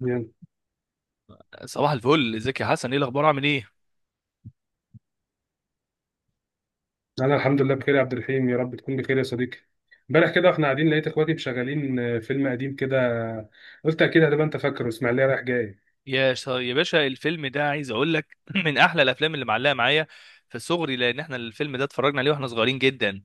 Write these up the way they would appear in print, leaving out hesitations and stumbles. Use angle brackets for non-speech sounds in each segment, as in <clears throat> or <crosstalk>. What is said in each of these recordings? يعني صباح الفل، ازيك يا حسن؟ ايه الاخبار؟ عامل ايه؟ انا الحمد لله بخير يا عبد الرحيم، يا رب تكون بخير يا صديقي. امبارح كده واحنا قاعدين لقيت اخواتي مشغلين فيلم قديم كده. قلت اكيد هتبقى انت فاكره، اسماعيليه رايح جاي. يا باشا، الفيلم ده عايز اقول لك <clears throat> من احلى الافلام اللي معلقه معايا في صغري، لان احنا الفيلم ده اتفرجنا عليه واحنا صغيرين جدا.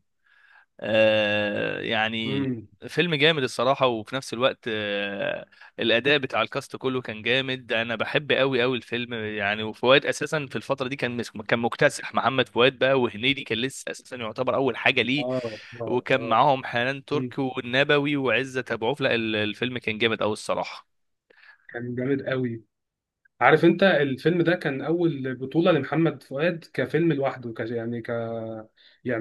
يعني امم. فيلم جامد الصراحه، وفي نفس الوقت الاداء بتاع الكاست كله كان جامد. انا بحب قوي قوي الفيلم، يعني. وفؤاد اساسا في الفتره دي كان مكتسح. محمد فؤاد بقى، وهنيدي كان لسه اساسا يعتبر اول حاجه ليه. اه اه وكان اه. معاهم حنان مم. ترك والنبوي وعزت ابو عوف. لا، الفيلم كان جامد قوي الصراحه. كان جامد قوي. عارف انت الفيلم ده كان اول بطوله لمحمد فؤاد، كفيلم لوحده، يعني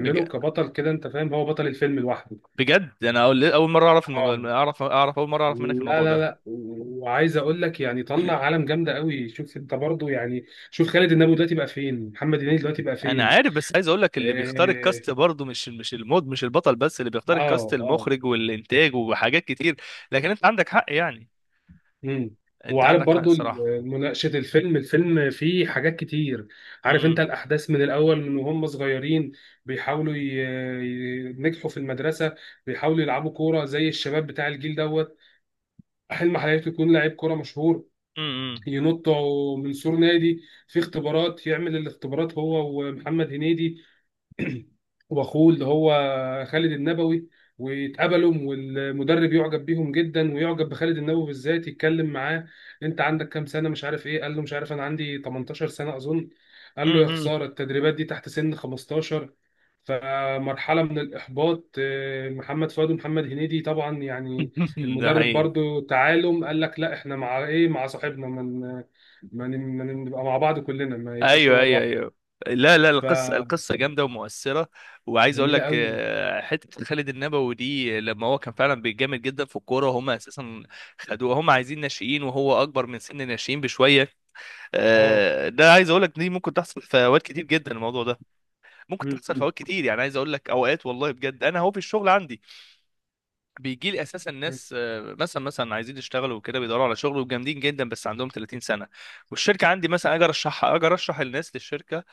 بج... كبطل كده، انت فاهم، هو بطل الفيلم لوحده. بجد انا اول اول مره اعرف اه، المج... اعرف اعرف اول مره اعرف منك لا الموضوع لا ده. لا، وعايز اقول لك يعني طلع عالم جامده قوي. شوف انت برضو يعني، شوف خالد النبوي دلوقتي بقى فين، محمد هنيدي دلوقتي بقى انا فين. عارف، بس عايز اقول لك اللي بيختار اه الكاست برضه مش المود، مش البطل بس اللي بيختار الكاست، اه آه. المخرج والانتاج وحاجات كتير. لكن انت عندك حق، يعني. مم. انت وعارف عندك حق برضو الصراحه. مناقشه الفيلم فيه حاجات كتير. عارف انت امم. الاحداث من الاول، من وهم صغيرين بيحاولوا ينجحوا في المدرسه، بيحاولوا يلعبوا كوره زي الشباب بتاع الجيل دوت، حلم حياته يكون لعيب كوره مشهور. امم. ينطوا من سور نادي، في اختبارات، يعمل الاختبارات هو ومحمد هنيدي <clears throat> واخوه اللي هو خالد النبوي، ويتقابلوا والمدرب يعجب بيهم جدا ويعجب بخالد النبوي بالذات، يتكلم معاه، انت عندك كام سنه، مش عارف ايه، قال له مش عارف انا عندي 18 سنه اظن. قال له يا امم. خساره، التدريبات دي تحت سن 15. فمرحله من الاحباط، محمد فؤاد ومحمد هنيدي طبعا يعني. <laughs> ده المدرب حقيقي. برضو تعالوا قال لك لا احنا مع ايه، مع صاحبنا من ما نبقى مع بعض كلنا ما يبقاش ايوه، هو ايوه، لوحده. ايوه. لا، لا، ف القصه جامده ومؤثره. وعايز اقول جميله لك، قوي. حته خالد النبوي دي لما هو كان فعلا بيتجامد جدا في الكوره، هم اساسا خدوه. هم عايزين ناشئين وهو اكبر من سن الناشئين بشويه. اه. ده عايز اقول لك دي ممكن تحصل في اوقات كتير جدا، الموضوع ده ممكن مم. تحصل في مم. اوقات كتير. يعني عايز اقول لك، اوقات والله بجد انا اهو في الشغل عندي بيجي لي اساسا ناس، مثلا عايزين يشتغلوا وكده، بيدوروا على شغل وجامدين جدا بس عندهم 30 سنه. والشركه عندي، مثلا اجي ارشحها، اجي ارشح الناس للشركه،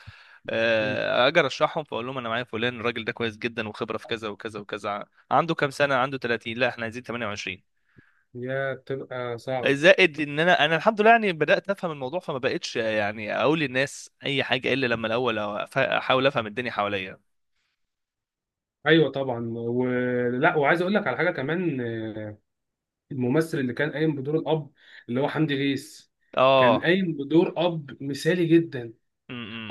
مم. اجي ارشحهم، فاقول لهم انا معايا فلان. الراجل ده كويس جدا وخبره في كذا وكذا وكذا. عنده كام سنه؟ عنده 30. لا، احنا عايزين 28. يا بتبقى صعبة. زائد ان انا الحمد لله يعني بدات افهم الموضوع، فما بقتش يعني اقول للناس اي حاجه الا لما الاول احاول افهم الدنيا حواليا. ايوه طبعا، ولا وعايز اقول لك على حاجه كمان، الممثل اللي كان قايم بدور الاب اللي هو حمدي غيث كان اه. قايم بدور اب مثالي جدا.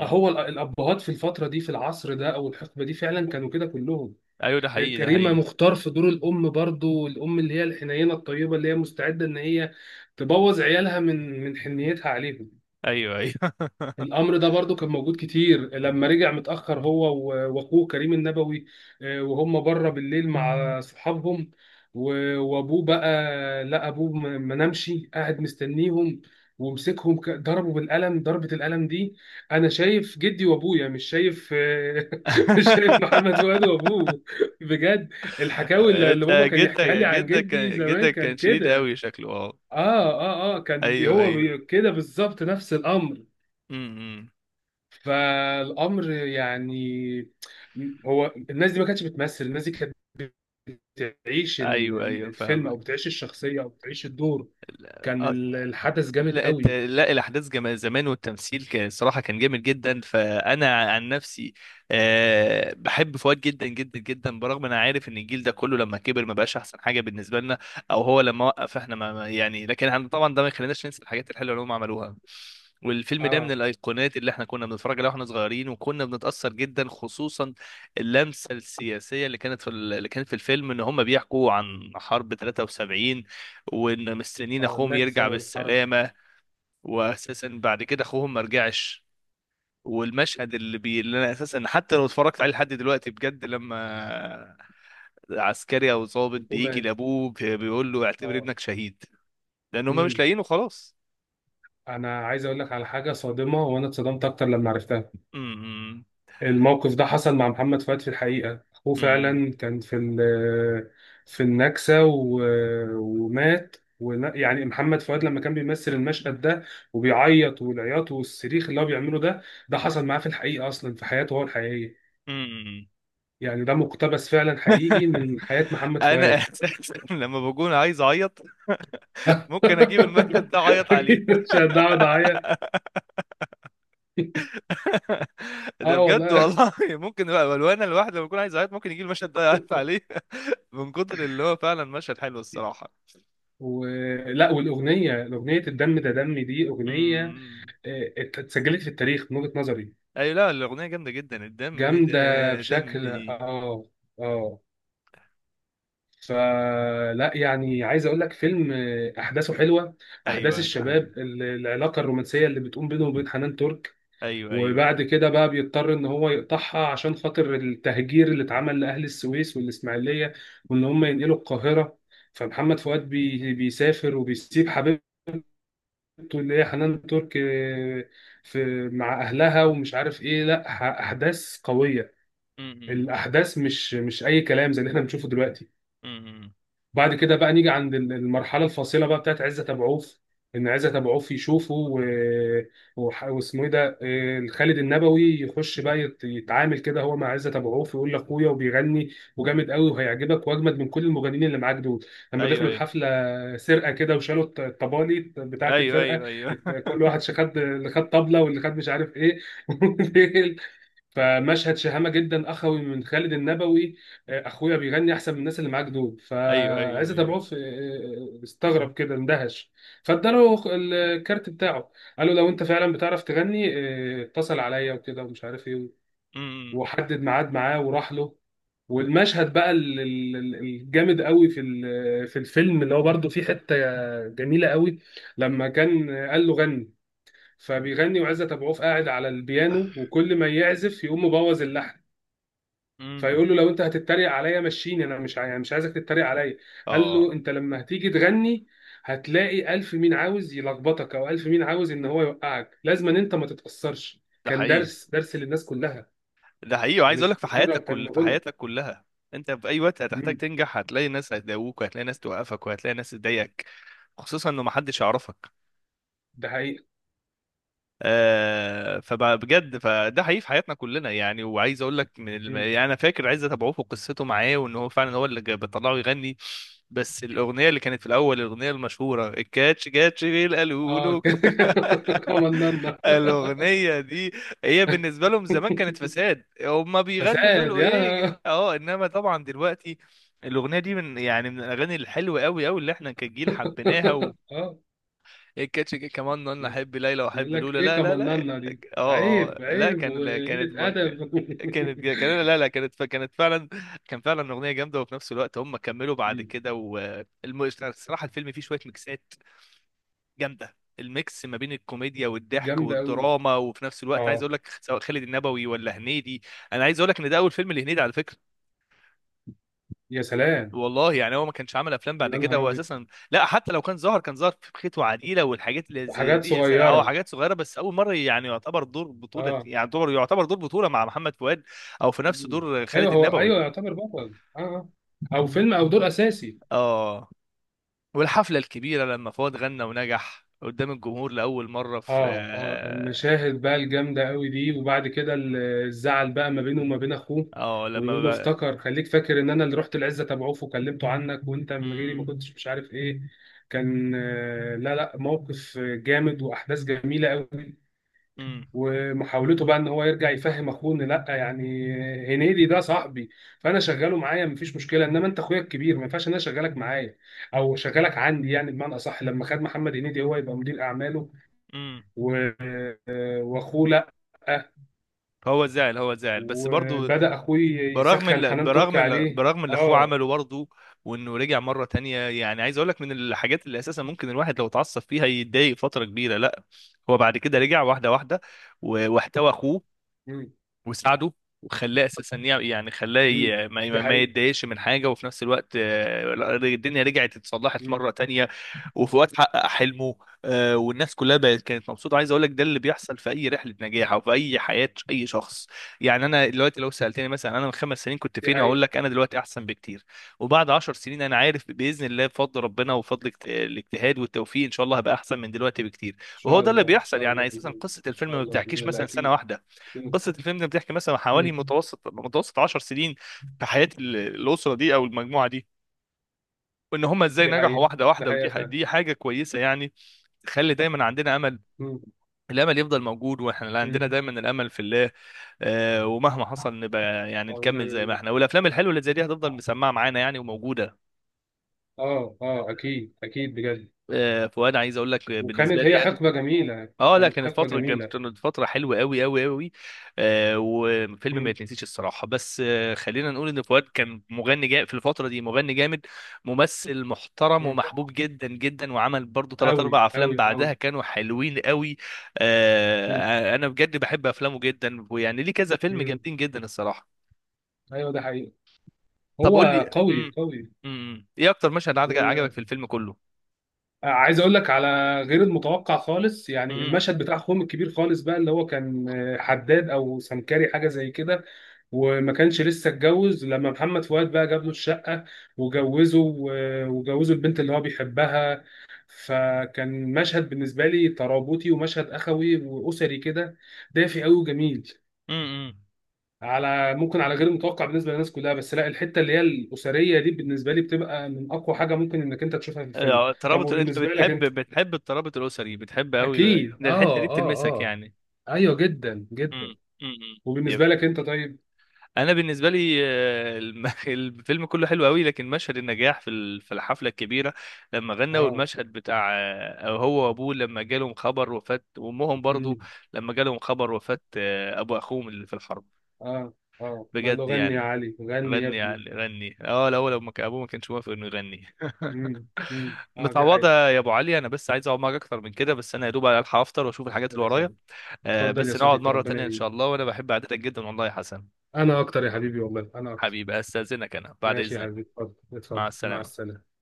هو الابهات في الفتره دي، في العصر ده او الحقبه دي، فعلا كانوا كده كلهم. ايوه، ده حقيقي، ده كريمه حقيقي. مختار في دور الام، برضو الام اللي هي الحنينه الطيبه اللي هي مستعده ان هي تبوظ عيالها من حنيتها عليهم. ايوه، ايوه. الامر ده برضو كان موجود كتير، لما رجع متاخر هو واخوه كريم النبوي، وهم بره بالليل مع صحابهم، وابوه بقى، لا ابوه ما نامش، قاعد مستنيهم، ومسكهم ضربوا بالقلم، ضربة القلم دي انا شايف جدي وابويا، مش شايف <laughs> مش شايف محمد <laughs> فؤاد وابوه. بجد، الحكاوي اللي انت بابا كان يحكيها جدا لي عن جدا جدي زمان كان كان شديد كده. قوي شكله. اه. اه اه اه، كان ايوه، هو ايوه. كده بالظبط نفس الامر. امم. فالامر يعني، هو الناس دي ما كانتش بتمثل، الناس دي كانت بتعيش ايوه، ايوه، الفيلم، او فاهمك. بتعيش الشخصيه، او بتعيش الدور. كان الحدث جامد لا، قوي. الاحداث جمال زمان، والتمثيل كان صراحه كان جامد جدا. فانا عن نفسي، بحب فؤاد جدا جدا جدا، برغم ان انا عارف ان الجيل ده كله لما كبر ما بقاش احسن حاجه بالنسبه لنا، او هو لما وقف احنا يعني. لكن احنا طبعا ده ما يخليناش ننسى الحاجات الحلوه اللي هم عملوها. والفيلم ده من اه. الايقونات اللي احنا كنا بنتفرج عليها واحنا صغيرين، وكنا بنتاثر جدا، خصوصا اللمسه السياسيه اللي كانت اللي كانت في الفيلم ان هم بيحكوا عن حرب 73، وان مستنيين اه اخوهم النكسه يرجع والحرب. بالسلامه. واساسا بعد كده اخوهم ما رجعش. والمشهد اللي انا اساسا حتى لو اتفرجت عليه لحد دلوقتي بجد، لما عسكري او ضابط بيجي الحكومات. لابوه بيقول له اعتبر اه. ابنك شهيد، لان هما مش امم. لاقيينه خلاص. انا عايز اقول لك على حاجه صادمه، وانا اتصدمت اكتر لما عرفتها. أمم. الموقف ده حصل مع محمد فؤاد في الحقيقة، أخوه أمم. فعلا كان في في النكسة ومات يعني محمد فؤاد لما كان بيمثل المشهد ده وبيعيط، والعياط والصريخ اللي هو بيعمله ده، ده حصل معاه في الحقيقة أصلا في حياته هو الحقيقية. أمم. يعني ده مقتبس فعلا حقيقي <laughs> من حياة محمد انا فؤاد. اساسا لما بكون عايز اعيط ممكن اجيب المشهد ده اعيط <laughs> عليه. أكيد مش هقعد أعيط. <laughs> ده أه بجد والله. والله، ممكن لو انا الواحد لما بكون عايز اعيط ممكن يجيب المشهد ده يعيط عليه. <laughs> من كتر اللي هو فعلا مشهد حلو الصراحة. ولا والأغنية، أغنية الدم ده دمي، دي أغنية أمم. اتسجلت في التاريخ من وجهة نظري. ايوه، لا الاغنيه جامده جدا، الدم جامدة ده بشكل دمي. اه. اه. فلا يعني عايز اقول لك فيلم احداثه حلوه، احداث ايوه. لا الشباب، حاجة. العلاقه الرومانسيه اللي بتقوم بينه وبين حنان ترك، ايوه، ايوه، وبعد ايوه. كده بقى بيضطر ان هو يقطعها عشان خاطر التهجير اللي اتعمل لاهل السويس والاسماعيليه، وان هم ينقلوا القاهره. فمحمد فؤاد بيسافر وبيسيب حبيبته اللي هي حنان ترك، في مع اهلها ومش عارف ايه، لا احداث قويه. امم. الاحداث مش اي كلام زي اللي احنا بنشوفه دلوقتي. امم. بعد كده بقى نيجي عند المرحله الفاصله بقى بتاعت عزت ابو عوف. ان عزت ابو عوف يشوفه واسمه ايه ده خالد النبوي يخش بقى يتعامل كده هو مع عزت ابو عوف، ويقول لاخويا وبيغني وجامد قوي وهيعجبك واجمد من كل المغنيين اللي معاك دول. لما ايوه، دخلوا ايوه، الحفله، سرقه كده وشالوا الطبالي بتاعت ايوه، الفرقه. ايوه، ايوه. كل واحد خد اللي خد طبله واللي خد مش عارف ايه. <laughs> فمشهد شهامة جدا أخوي من خالد النبوي. أخويا بيغني أحسن من الناس اللي معاك دول <laughs> ايوه، ايوه، فعايز ايوه. أتابعه في استغرب كده، اندهش. فاداله الكارت بتاعه، قال له لو أنت فعلا بتعرف تغني اتصل عليا وكده ومش عارف إيه. امم. وحدد ميعاد معاه وراح له. والمشهد بقى الجامد قوي في في الفيلم، اللي هو برضه فيه حتة جميلة قوي. لما كان قال له غني، فبيغني وعزت ابو عوف قاعد على البيانو، وكل ما يعزف يقوم مبوظ اللحن. امم. فيقول له لو انت هتتريق عليا مشيني، انا مش عايزك تتريق عليا. قال له اه، انت لما هتيجي تغني هتلاقي الف مين عاوز يلخبطك، او الف مين عاوز ان هو يوقعك، لازم ان انت ما تتاثرش. ده كان حقيقي، درس، درس للناس كلها، ده حقيقي. وعايز اقول مش لك مجرد كان في غنى. حياتك كلها، انت في اي وقت هتحتاج مم. تنجح هتلاقي ناس هتداووك، وهتلاقي ناس توقفك، وهتلاقي ناس تضايقك، خصوصا انه محدش يعرفك. ده حقيقه. فبجد فده حقيقي في حياتنا كلنا يعني. وعايز اقول لك، مم. يعني انا فاكر عايز اتابعوه في قصته معاه، وان هو فعلا هو اللي بيطلعه يغني. بس الاغنيه اللي كانت في الاول، الاغنيه المشهوره الكاتش كاتش بيل قالوا اه <laughs> له... كان كمننا <laughs> الاغنيه دي هي بالنسبه لهم زمان كانت فساد، هما بيغنوا فساد، يقولوا يا ايه؟ اه انما طبعا دلوقتي الاغنيه دي من يعني من الاغاني الحلوه قوي قوي اللي احنا كجيل حبيناها. <laughs> اه، إيه الكاتش جه كمان، انا احب ليلى يقول واحب لك لولا ايه لا لا لا. كمننا دي، اه، اه، عيب لا، عيب كان لا كانت وقله ما- كان- ادب. كانت <laughs> كان لا لا كانت كانت فعلا كان فعلا اغنيه جامده، وفي نفس الوقت هم كملوا بعد مم. كده. والصراحه الفيلم فيه شويه ميكسات جامده، الميكس ما بين الكوميديا والضحك جامده قوي. والدراما. وفي نفس الوقت عايز اه. اقول لك، سواء خالد النبوي ولا هنيدي، انا عايز اقول لك ان ده اول فيلم لهنيدي على فكره. يا سلام. والله يعني هو ما كانش عمل افلام بعد يا كده نهار هو ابيض. اساسا. لا، حتى لو كان ظهر في بخيت وعديله والحاجات اللي زي حاجات دي، صغيره. حاجات صغيره. بس اول مره يعني يعتبر دور بطوله، اه. يعني يعتبر دور بطوله مع محمد فؤاد، او في نفس مم. دور ايوه خالد هو، النبوي. ايوه يعتبر بطل، اه آه. او فيلم او دور اساسي. اه. والحفله الكبيره لما فؤاد غنى ونجح قدام الجمهور لاول مره في اه اه، المشاهد بقى الجامده قوي دي، وبعد كده الزعل بقى ما بينه وما بين اخوه، لما ويقول له بقى... افتكر، خليك فاكر ان انا اللي رحت العزه تبعوه وكلمته عنك، وانت من غيري ما امم. كنتش مش عارف ايه. كان لا لا، موقف جامد واحداث جميله قوي. امم. ومحاولته بقى ان هو يرجع يفهم اخوه ان لا يعني، هنيدي ده صاحبي، فانا شغاله معايا مفيش مشكله، انما انت اخويا الكبير ما ينفعش ان انا اشغلك معايا او اشغلك عندي، يعني بمعنى اصح لما خد محمد هنيدي هو يبقى مدير اعماله، امم. و- واخوه لا. هو زعل، هو زعل، بس برضو وبدا اخوي يسخن حنان تركي عليه. برغم اللي اخوه اه. عمله برضه، وانه رجع مره تانية. يعني عايز اقول لك، من الحاجات اللي اساسا ممكن الواحد لو اتعصب فيها يتضايق فتره كبيره، لا، هو بعد كده رجع واحده واحده، واحتوى اخوه مم. وساعده، وخلاه اساسا يعني خلاه مم. دي ما حقيقه. يتضايقش من حاجه. وفي نفس الوقت الدنيا رجعت اتصلحت مم. مره تانية، وفي وقت حقق حلمه. والناس كلها بقت كانت مبسوطه. عايز اقول لك ده اللي بيحصل في اي رحله نجاح او في اي حياه اي شخص. يعني انا دلوقتي لو سالتني مثلا انا من 5 سنين كنت دي فين، حقيقه، اقول ان لك انا دلوقتي احسن بكتير. وبعد 10 سنين انا عارف باذن الله بفضل ربنا وبفضل الاجتهاد والتوفيق ان شاء الله هبقى احسن من دلوقتي بكتير. وهو شاء ده اللي الله، ان بيحصل شاء الله، يعني. باذن اساسا الله، قصه ان الفيلم شاء ما الله، باذن بتحكيش الله مثلا سنه اكيد. واحده، مم. قصه الفيلم ده بتحكي مثلا حوالي مم. متوسط متوسط 10 سنين في حياه الاسره دي او المجموعه دي، وان هم ازاي دي نجحوا حقيقه. واحده دي واحده. حقيقه فعلا. دي حاجه كويسه يعني، تخلي دايما عندنا امل. مم. الامل يفضل موجود، واحنا اللي عندنا مم. دايما الامل في الله. ومهما حصل نبقى يعني اه نكمل ونعم زي ما بالله. احنا، والافلام الحلوه اللي زي دي هتفضل مسمعه معانا يعني، وموجوده. اه اه اكيد اكيد بجد. فوانا عايز اقول لك بالنسبه وكانت هي لي انا، حقبه جميله، اه، لا كانت كانت حقبه جميله. فترة حلوة قوي قوي قوي. وفيلم ما امم. يتنسيش الصراحة. بس خلينا نقول ان فؤاد كان مغني جا في الفترة دي مغني جامد، ممثل محترم امم. ومحبوب جدا جدا، وعمل برضو ثلاث قوي اربع افلام قوي قوي. بعدها كانوا حلوين قوي. امم. انا بجد بحب افلامه جدا، ويعني ليه كذا فيلم امم. جامدين جدا الصراحة. ايوه ده حقيقي. طب قول هو لي، قوي قوي. ايه اكتر مشهد عجبك في الفيلم كله؟ وعايز اقول لك على غير المتوقع خالص، يعني امم. المشهد بتاع اخوهم الكبير خالص بقى، اللي هو كان حداد او سمكري حاجه زي كده وما كانش لسه اتجوز، لما محمد فؤاد بقى جاب له الشقة وجوزه وجوزه البنت اللي هو بيحبها، فكان مشهد بالنسبة لي ترابطي، ومشهد أخوي وأسري كده، دافي قوي وجميل. امم. على ممكن على غير متوقع بالنسبة للناس كلها، بس لا، الحتة اللي هي الأسرية دي بالنسبة لي بتبقى من أقوى حاجة ممكن إنك أنت تشوفها في الفيلم. طب الترابط، انت وبالنسبة لك بتحب أنت؟ بتحب الترابط الاسري، بتحب قوي أكيد ان الحته دي آه آه بتلمسك آه. يعني. أيوه جدا امم. جدا. امم. يب. وبالنسبة لك أنت طيب؟ انا بالنسبه لي، <laughs> الفيلم كله حلو قوي، لكن مشهد النجاح في الحفله الكبيره لما غنى، آه. والمشهد بتاع هو وابوه لما جالهم خبر وفاه، وامهم برضو مم. لما جالهم خبر وفاه، ابو اخوهم اللي في الحرب. اه اه، ما له، بجد غني يا يعني. علي، غني يا غني ابني. يعني غني. اه الاول لما كان ابوه ما كانش موافق انه يغني. امم. <laughs> امم. اه دي متعوضة حقيقة. يا أبو علي. أنا بس عايز أقعد معاك أكتر من كده، بس أنا يا دوب ألحق أفطر وأشوف الحاجات اللي للأسف. ورايا. اتفضل يا بس نقعد صديقي، مرة ربنا تانية إن شاء يعينك. الله، وأنا بحب قعدتك جدا والله يا حسن. انا اكتر يا حبيبي، والله انا اكتر. حبيبي، أستأذنك، أنا بعد ماشي يا إذنك. حبيبي، اتفضل مع اتفضل، مع السلامة. السلامة.